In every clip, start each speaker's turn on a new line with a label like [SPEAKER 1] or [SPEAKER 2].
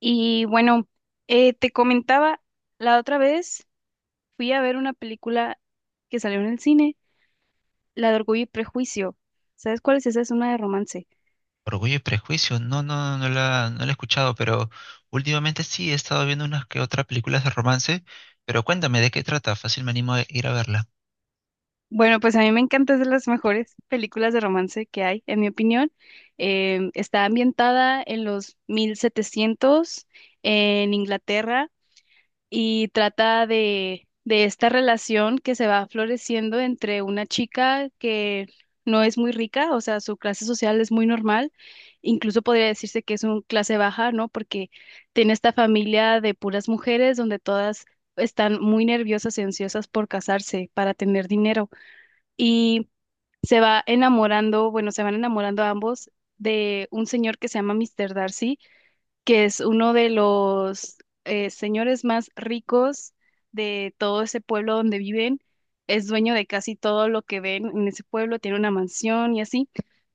[SPEAKER 1] Y bueno, te comentaba, la otra vez fui a ver una película que salió en el cine, la de Orgullo y Prejuicio. ¿Sabes cuál es esa? Es una de romance.
[SPEAKER 2] Orgullo y Prejuicio, no, no, no la he escuchado, pero últimamente sí he estado viendo unas que otras películas de romance, pero cuéntame de qué trata, fácil me animo a ir a verla.
[SPEAKER 1] Bueno, pues a mí me encanta, es de las mejores películas de romance que hay, en mi opinión. Está ambientada en los 1700 en Inglaterra y trata de esta relación que se va floreciendo entre una chica que no es muy rica, o sea, su clase social es muy normal, incluso podría decirse que es una clase baja, ¿no? Porque tiene esta familia de puras mujeres donde todas están muy nerviosas y ansiosas por casarse, para tener dinero. Y se va enamorando, bueno, se van enamorando ambos de un señor que se llama Mister Darcy, que es uno de los señores más ricos de todo ese pueblo donde viven. Es dueño de casi todo lo que ven en ese pueblo, tiene una mansión y así,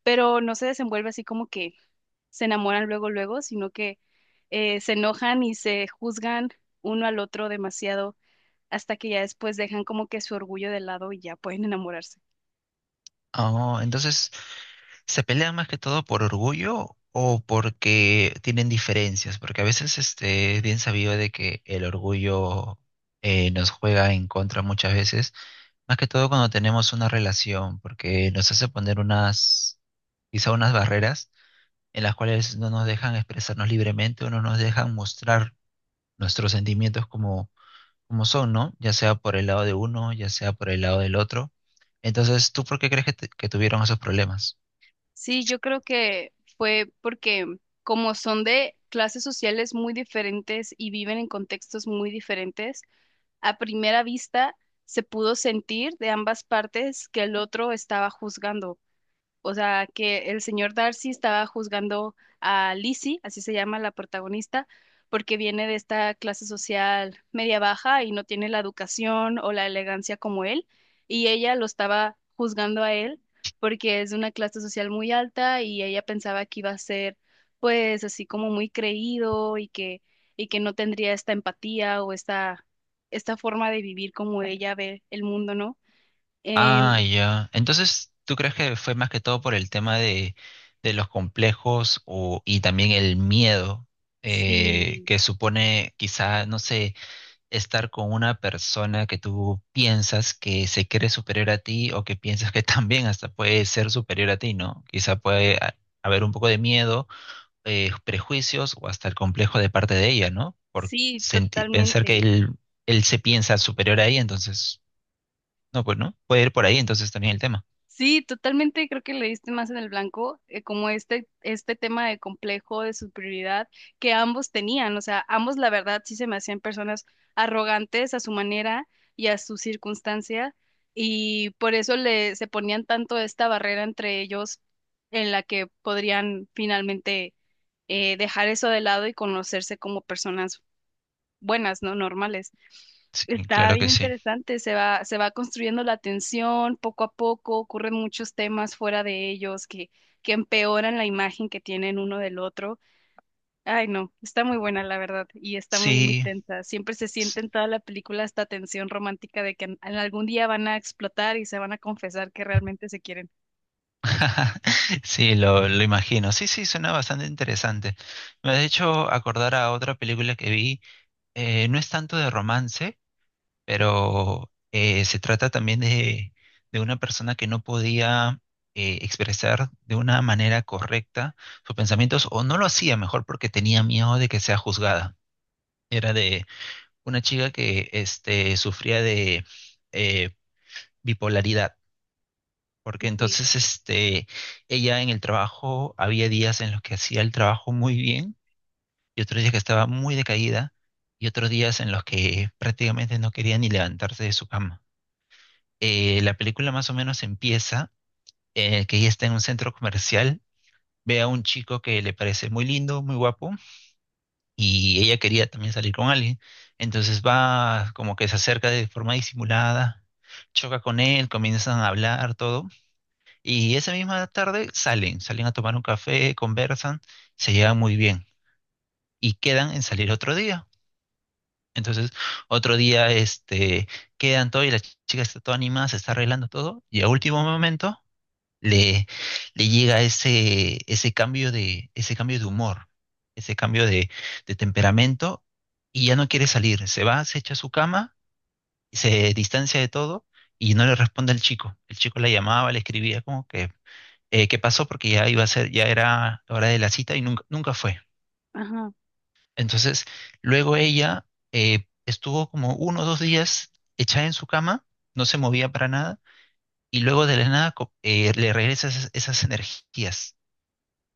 [SPEAKER 1] pero no se desenvuelve así como que se enamoran luego, luego, sino que se enojan y se juzgan uno al otro demasiado hasta que ya después dejan como que su orgullo de lado y ya pueden enamorarse.
[SPEAKER 2] Oh, entonces, ¿se pelean más que todo por orgullo o porque tienen diferencias? Porque a veces es bien sabido de que el orgullo nos juega en contra muchas veces. Más que todo cuando tenemos una relación, porque nos hace poner quizá unas barreras en las cuales no nos dejan expresarnos libremente o no nos dejan mostrar nuestros sentimientos como son, ¿no? Ya sea por el lado de uno, ya sea por el lado del otro. Entonces, ¿tú por qué crees que que tuvieron esos problemas?
[SPEAKER 1] Sí, yo creo que fue porque como son de clases sociales muy diferentes y viven en contextos muy diferentes, a primera vista se pudo sentir de ambas partes que el otro estaba juzgando, o sea, que el señor Darcy estaba juzgando a Lizzie, así se llama la protagonista, porque viene de esta clase social media baja y no tiene la educación o la elegancia como él, y ella lo estaba juzgando a él porque es de una clase social muy alta y ella pensaba que iba a ser pues así como muy creído y que no tendría esta empatía o esta forma de vivir como ella ve el mundo, ¿no?
[SPEAKER 2] Ah,
[SPEAKER 1] En,
[SPEAKER 2] ya. Entonces, ¿tú crees que fue más que todo por el tema de los complejos o, y también el miedo
[SPEAKER 1] sí,
[SPEAKER 2] que supone quizá, no sé, estar con una persona que tú piensas que se cree superior a ti o que piensas que también hasta puede ser superior a ti, ¿no? Haber un poco de miedo, prejuicios o hasta el complejo de parte de ella, ¿no?
[SPEAKER 1] sí,
[SPEAKER 2] Pensar que
[SPEAKER 1] totalmente.
[SPEAKER 2] él se piensa superior a ella, entonces, no, pues no, puede ir por ahí entonces también el tema.
[SPEAKER 1] Sí, totalmente creo que le diste más en el blanco, como este tema de complejo, de superioridad que ambos tenían. O sea, ambos la verdad sí se me hacían personas arrogantes a su manera y a su circunstancia, y por se ponían tanto esta barrera entre ellos en la que podrían finalmente dejar eso de lado y conocerse como personas buenas, ¿no? Normales.
[SPEAKER 2] Sí,
[SPEAKER 1] Está
[SPEAKER 2] claro
[SPEAKER 1] bien
[SPEAKER 2] que sí.
[SPEAKER 1] interesante, se va construyendo la tensión poco a poco, ocurren muchos temas fuera de ellos que empeoran la imagen que tienen uno del otro. Ay, no, está muy buena la verdad y está muy, muy
[SPEAKER 2] Sí.
[SPEAKER 1] tensa. Siempre se
[SPEAKER 2] s-
[SPEAKER 1] siente en toda la película esta tensión romántica de que en algún día van a explotar y se van a confesar que realmente se quieren.
[SPEAKER 2] Sí, lo imagino. Sí, sí, suena bastante interesante. Me ha hecho acordar a otra película que vi, no es tanto de romance, pero se trata también de una persona que no podía expresar de una manera correcta sus pensamientos o no lo hacía mejor porque tenía miedo de que sea juzgada. Era de una chica que sufría de eh, bipolaridad. Porque
[SPEAKER 1] Ok.
[SPEAKER 2] entonces ella en el trabajo había días en los que hacía el trabajo muy bien y otros días que estaba muy decaída, y otros días en los que prácticamente no quería ni levantarse de su cama. La película más o menos empieza, que ella está en un centro comercial, ve a un chico que le parece muy lindo, muy guapo, y ella quería también salir con alguien. Entonces va como que se acerca de forma disimulada, choca con él, comienzan a hablar, todo. Y esa misma tarde salen a tomar un café, conversan, se llevan muy bien y quedan en salir otro día. Entonces, otro día, quedan todo y la chica está toda animada, se está arreglando todo, y a último momento le, le llega ese cambio ese cambio de humor, ese cambio de, de temperamento, y ya no quiere salir. Se va, se echa a su cama, se distancia de todo, y no le responde al chico. El chico la llamaba, le escribía como que, ¿qué pasó? Porque ya era la hora de la cita y nunca, nunca fue.
[SPEAKER 1] Ajá.
[SPEAKER 2] Entonces, luego ella estuvo como uno o dos días echada en su cama, no se movía para nada, y luego de la nada le regresa esas energías.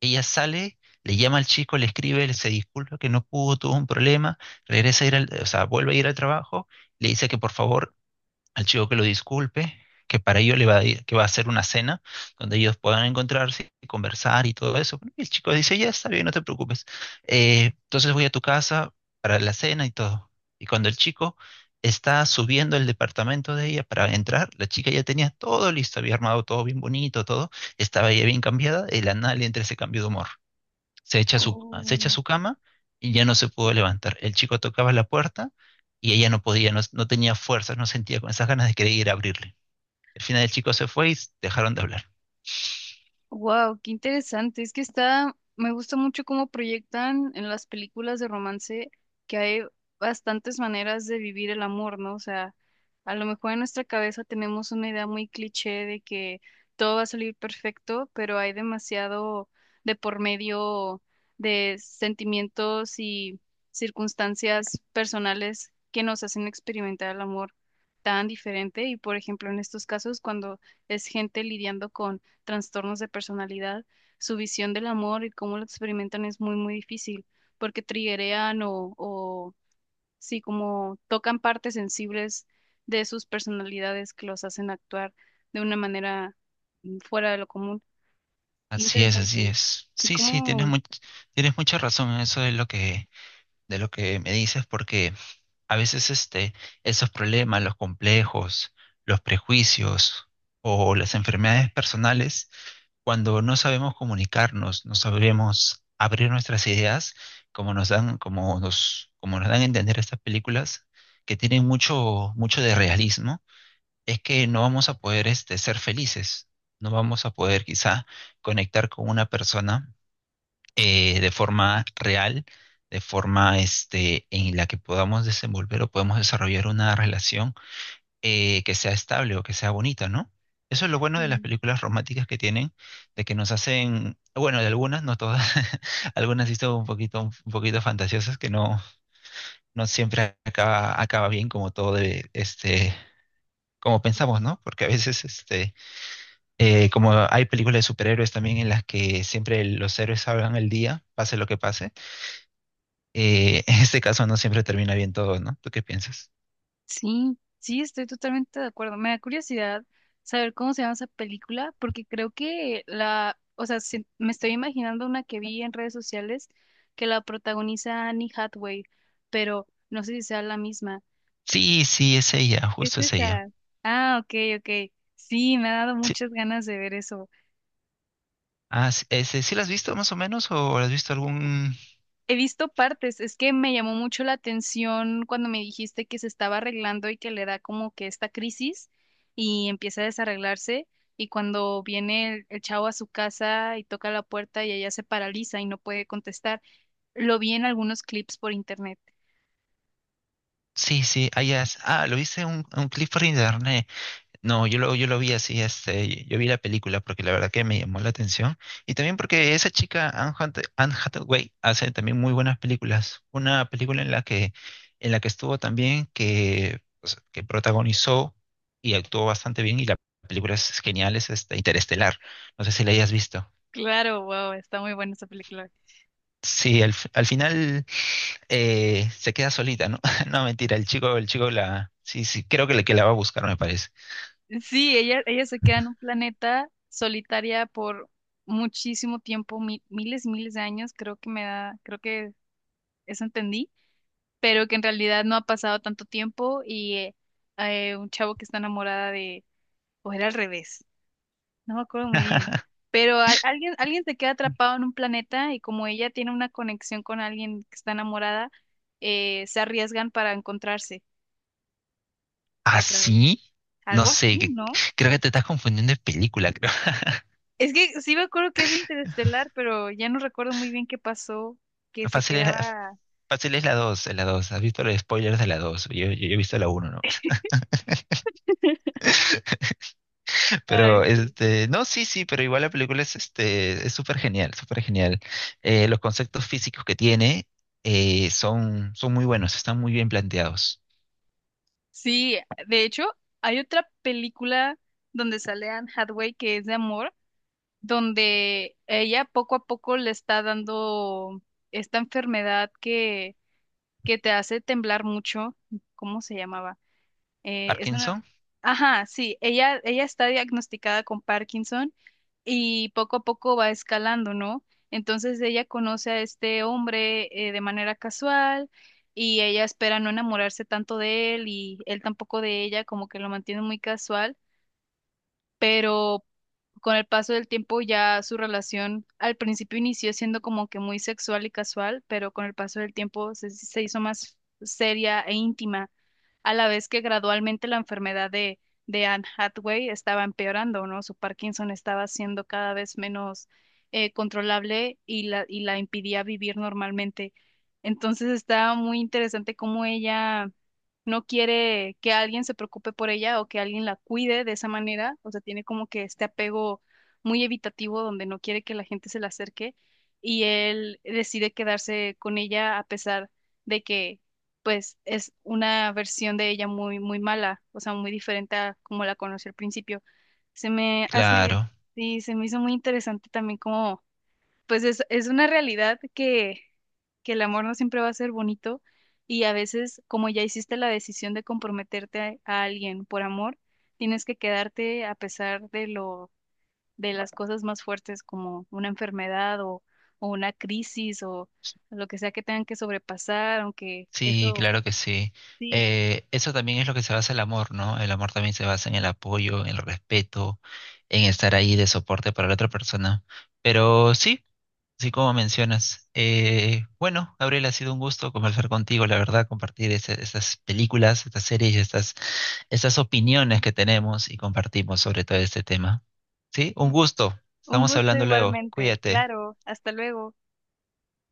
[SPEAKER 2] Ella sale, le llama al chico, le escribe, le se disculpa que no pudo, tuvo un problema, regresa a ir al, o sea, vuelve a ir al trabajo, le dice que por favor al chico que lo disculpe, que para ello le va a, que va a hacer una cena donde ellos puedan encontrarse y conversar y todo eso. Y el chico dice, ya está bien, no te preocupes. Entonces voy a tu casa para la cena y todo. Y cuando el chico está subiendo el departamento de ella para entrar, la chica ya tenía todo listo, había armado todo bien bonito, todo, estaba ella bien cambiada, y la nada le entra ese cambio de humor, se echa a
[SPEAKER 1] Oh.
[SPEAKER 2] su cama y ya no se pudo levantar. El chico tocaba la puerta y ella no podía, no tenía fuerzas, no sentía con esas ganas de querer ir a abrirle. Al final el chico se fue y dejaron de hablar.
[SPEAKER 1] Wow, qué interesante. Es que está, me gusta mucho cómo proyectan en las películas de romance que hay bastantes maneras de vivir el amor, ¿no? O sea, a lo mejor en nuestra cabeza tenemos una idea muy cliché de que todo va a salir perfecto, pero hay demasiado de por medio de sentimientos y circunstancias personales que nos hacen experimentar el amor tan diferente. Y por ejemplo, en estos casos, cuando es gente lidiando con trastornos de personalidad, su visión del amor y cómo lo experimentan es muy, muy difícil, porque triggerean o sí, como tocan partes sensibles de sus personalidades que los hacen actuar de una manera, fuera de lo común. Qué
[SPEAKER 2] Así es,
[SPEAKER 1] interesante.
[SPEAKER 2] así es.
[SPEAKER 1] ¿Y
[SPEAKER 2] Sí, sí,
[SPEAKER 1] cómo?
[SPEAKER 2] tienes mucha razón en eso de lo de lo que me dices, porque a veces esos problemas, los complejos, los prejuicios o las enfermedades personales cuando no sabemos comunicarnos, no sabemos abrir nuestras ideas, como nos dan a entender estas películas, que tienen mucho, mucho de realismo, es que no vamos a poder ser felices, no vamos a poder quizá conectar con una persona de forma real, de forma en la que podamos desenvolver o podemos desarrollar una relación que sea estable o que sea bonita, ¿no? Eso es lo bueno de las
[SPEAKER 1] mm,
[SPEAKER 2] películas románticas que tienen, de que nos hacen, bueno, de algunas, no todas, algunas sí son un poquito fantasiosas, que no, acaba bien como todo como pensamos, ¿no? Porque a veces, como hay películas de superhéroes también en las que siempre los héroes salvan el día, pase lo que pase, en este caso no siempre termina bien todo, ¿no? ¿Tú qué piensas?
[SPEAKER 1] Sí, sí, estoy totalmente de acuerdo. Me da curiosidad saber cómo se llama esa película, porque creo que o sea, me estoy imaginando una que vi en redes sociales que la protagoniza Annie Hathaway, pero no sé si sea la misma.
[SPEAKER 2] Sí, sí, es ella,
[SPEAKER 1] Es
[SPEAKER 2] justo es ella.
[SPEAKER 1] esa. Ah, ok, ok. Sí, me ha dado
[SPEAKER 2] Sí.
[SPEAKER 1] muchas ganas de ver eso.
[SPEAKER 2] Ah, sí, ese, ¿sí la has visto más o menos? ¿O la has visto algún...?
[SPEAKER 1] He visto partes, es que me llamó mucho la atención cuando me dijiste que se estaba arreglando y que le da como que esta crisis y empieza a desarreglarse y cuando viene el chavo a su casa y toca la puerta y ella se paraliza y no puede contestar. Lo vi en algunos clips por internet.
[SPEAKER 2] Sí, sí, ah, ya, lo viste en un clip por internet. No, yo lo vi así, yo vi la película porque la verdad que me llamó la atención. Y también porque esa chica, Anne Hathaway, hace también muy buenas películas. Una película en la que estuvo también, que, o sea, que protagonizó y actuó bastante bien, y la película es genial, es Interestelar. No sé si la hayas visto.
[SPEAKER 1] Claro, wow, está muy buena esa película.
[SPEAKER 2] Sí, al final se queda solita, ¿no? No, mentira, el chico la. Sí, sí, creo que que la va a buscar, me parece.
[SPEAKER 1] Sí, ella se queda en un planeta solitaria por muchísimo tiempo, miles y miles de años, creo que me da, creo que eso entendí, pero que en realidad no ha pasado tanto tiempo y un chavo que está enamorada de, o era al revés, no me acuerdo muy bien, pero alguien, alguien se queda atrapado en un planeta y como ella tiene una conexión con alguien que está enamorada, se arriesgan para encontrarse otra vez.
[SPEAKER 2] ¿Así? No
[SPEAKER 1] Algo
[SPEAKER 2] sé,
[SPEAKER 1] así, ¿no?
[SPEAKER 2] creo
[SPEAKER 1] O-
[SPEAKER 2] que te estás confundiendo de película, creo.
[SPEAKER 1] Es que sí me acuerdo que es de Interestelar, pero ya no recuerdo muy bien qué pasó, que se
[SPEAKER 2] Fácil es, la-
[SPEAKER 1] quedaba...
[SPEAKER 2] Fácil es la 2, la dos. ¿Has visto los spoilers de la 2? Yo he visto la uno, ¿no?
[SPEAKER 1] Ay,
[SPEAKER 2] Pero,
[SPEAKER 1] sí.
[SPEAKER 2] no, sí, sí, pero igual la película es, es súper genial, súper genial. Los conceptos físicos que tiene son muy buenos, están muy bien planteados.
[SPEAKER 1] Sí, de hecho, hay otra película donde sale Anne Hathaway que es de amor, donde ella poco a poco le está dando esta enfermedad que te hace temblar mucho. ¿Cómo se llamaba? Es una...
[SPEAKER 2] Parkinson.
[SPEAKER 1] Ajá, sí, ella está diagnosticada con Parkinson y poco a poco va escalando, ¿no? Entonces ella conoce a este hombre, de manera casual y ella espera no enamorarse tanto de él y él tampoco de ella, como que lo mantiene muy casual, pero con el paso del tiempo ya su relación al principio inició siendo como que muy sexual y casual, pero con el paso del tiempo se hizo más seria e íntima a la vez que gradualmente la enfermedad de Anne Hathaway estaba empeorando, ¿no? Su Parkinson estaba siendo cada vez menos controlable y y la impidía vivir normalmente. Entonces está muy interesante cómo ella no quiere que alguien se preocupe por ella o que alguien la cuide de esa manera, o sea, tiene como que este apego muy evitativo donde no quiere que la gente se le acerque y él decide quedarse con ella a pesar de que pues es una versión de ella muy, muy mala, o sea, muy diferente a como la conocí al principio. Se me hace,
[SPEAKER 2] Claro,
[SPEAKER 1] sí, se me hizo muy interesante también como, pues es una realidad que el amor no siempre va a ser bonito y a veces como ya hiciste la decisión de comprometerte a alguien por amor, tienes que quedarte a pesar de de las cosas más fuertes como una enfermedad o una crisis o lo que sea que tengan que sobrepasar, aunque
[SPEAKER 2] sí,
[SPEAKER 1] eso...
[SPEAKER 2] claro que sí.
[SPEAKER 1] Sí,
[SPEAKER 2] Eso también es lo que se basa el amor, ¿no? El amor también se basa en el apoyo, en el respeto, en estar ahí de soporte para la otra persona. Pero sí, sí como mencionas. Bueno, Gabriel, ha sido un gusto conversar contigo, la verdad, compartir estas películas, estas series, estas opiniones que tenemos y compartimos sobre todo este tema. Sí, un gusto.
[SPEAKER 1] un
[SPEAKER 2] Estamos
[SPEAKER 1] gusto
[SPEAKER 2] hablando luego.
[SPEAKER 1] igualmente.
[SPEAKER 2] Cuídate.
[SPEAKER 1] Claro, hasta luego.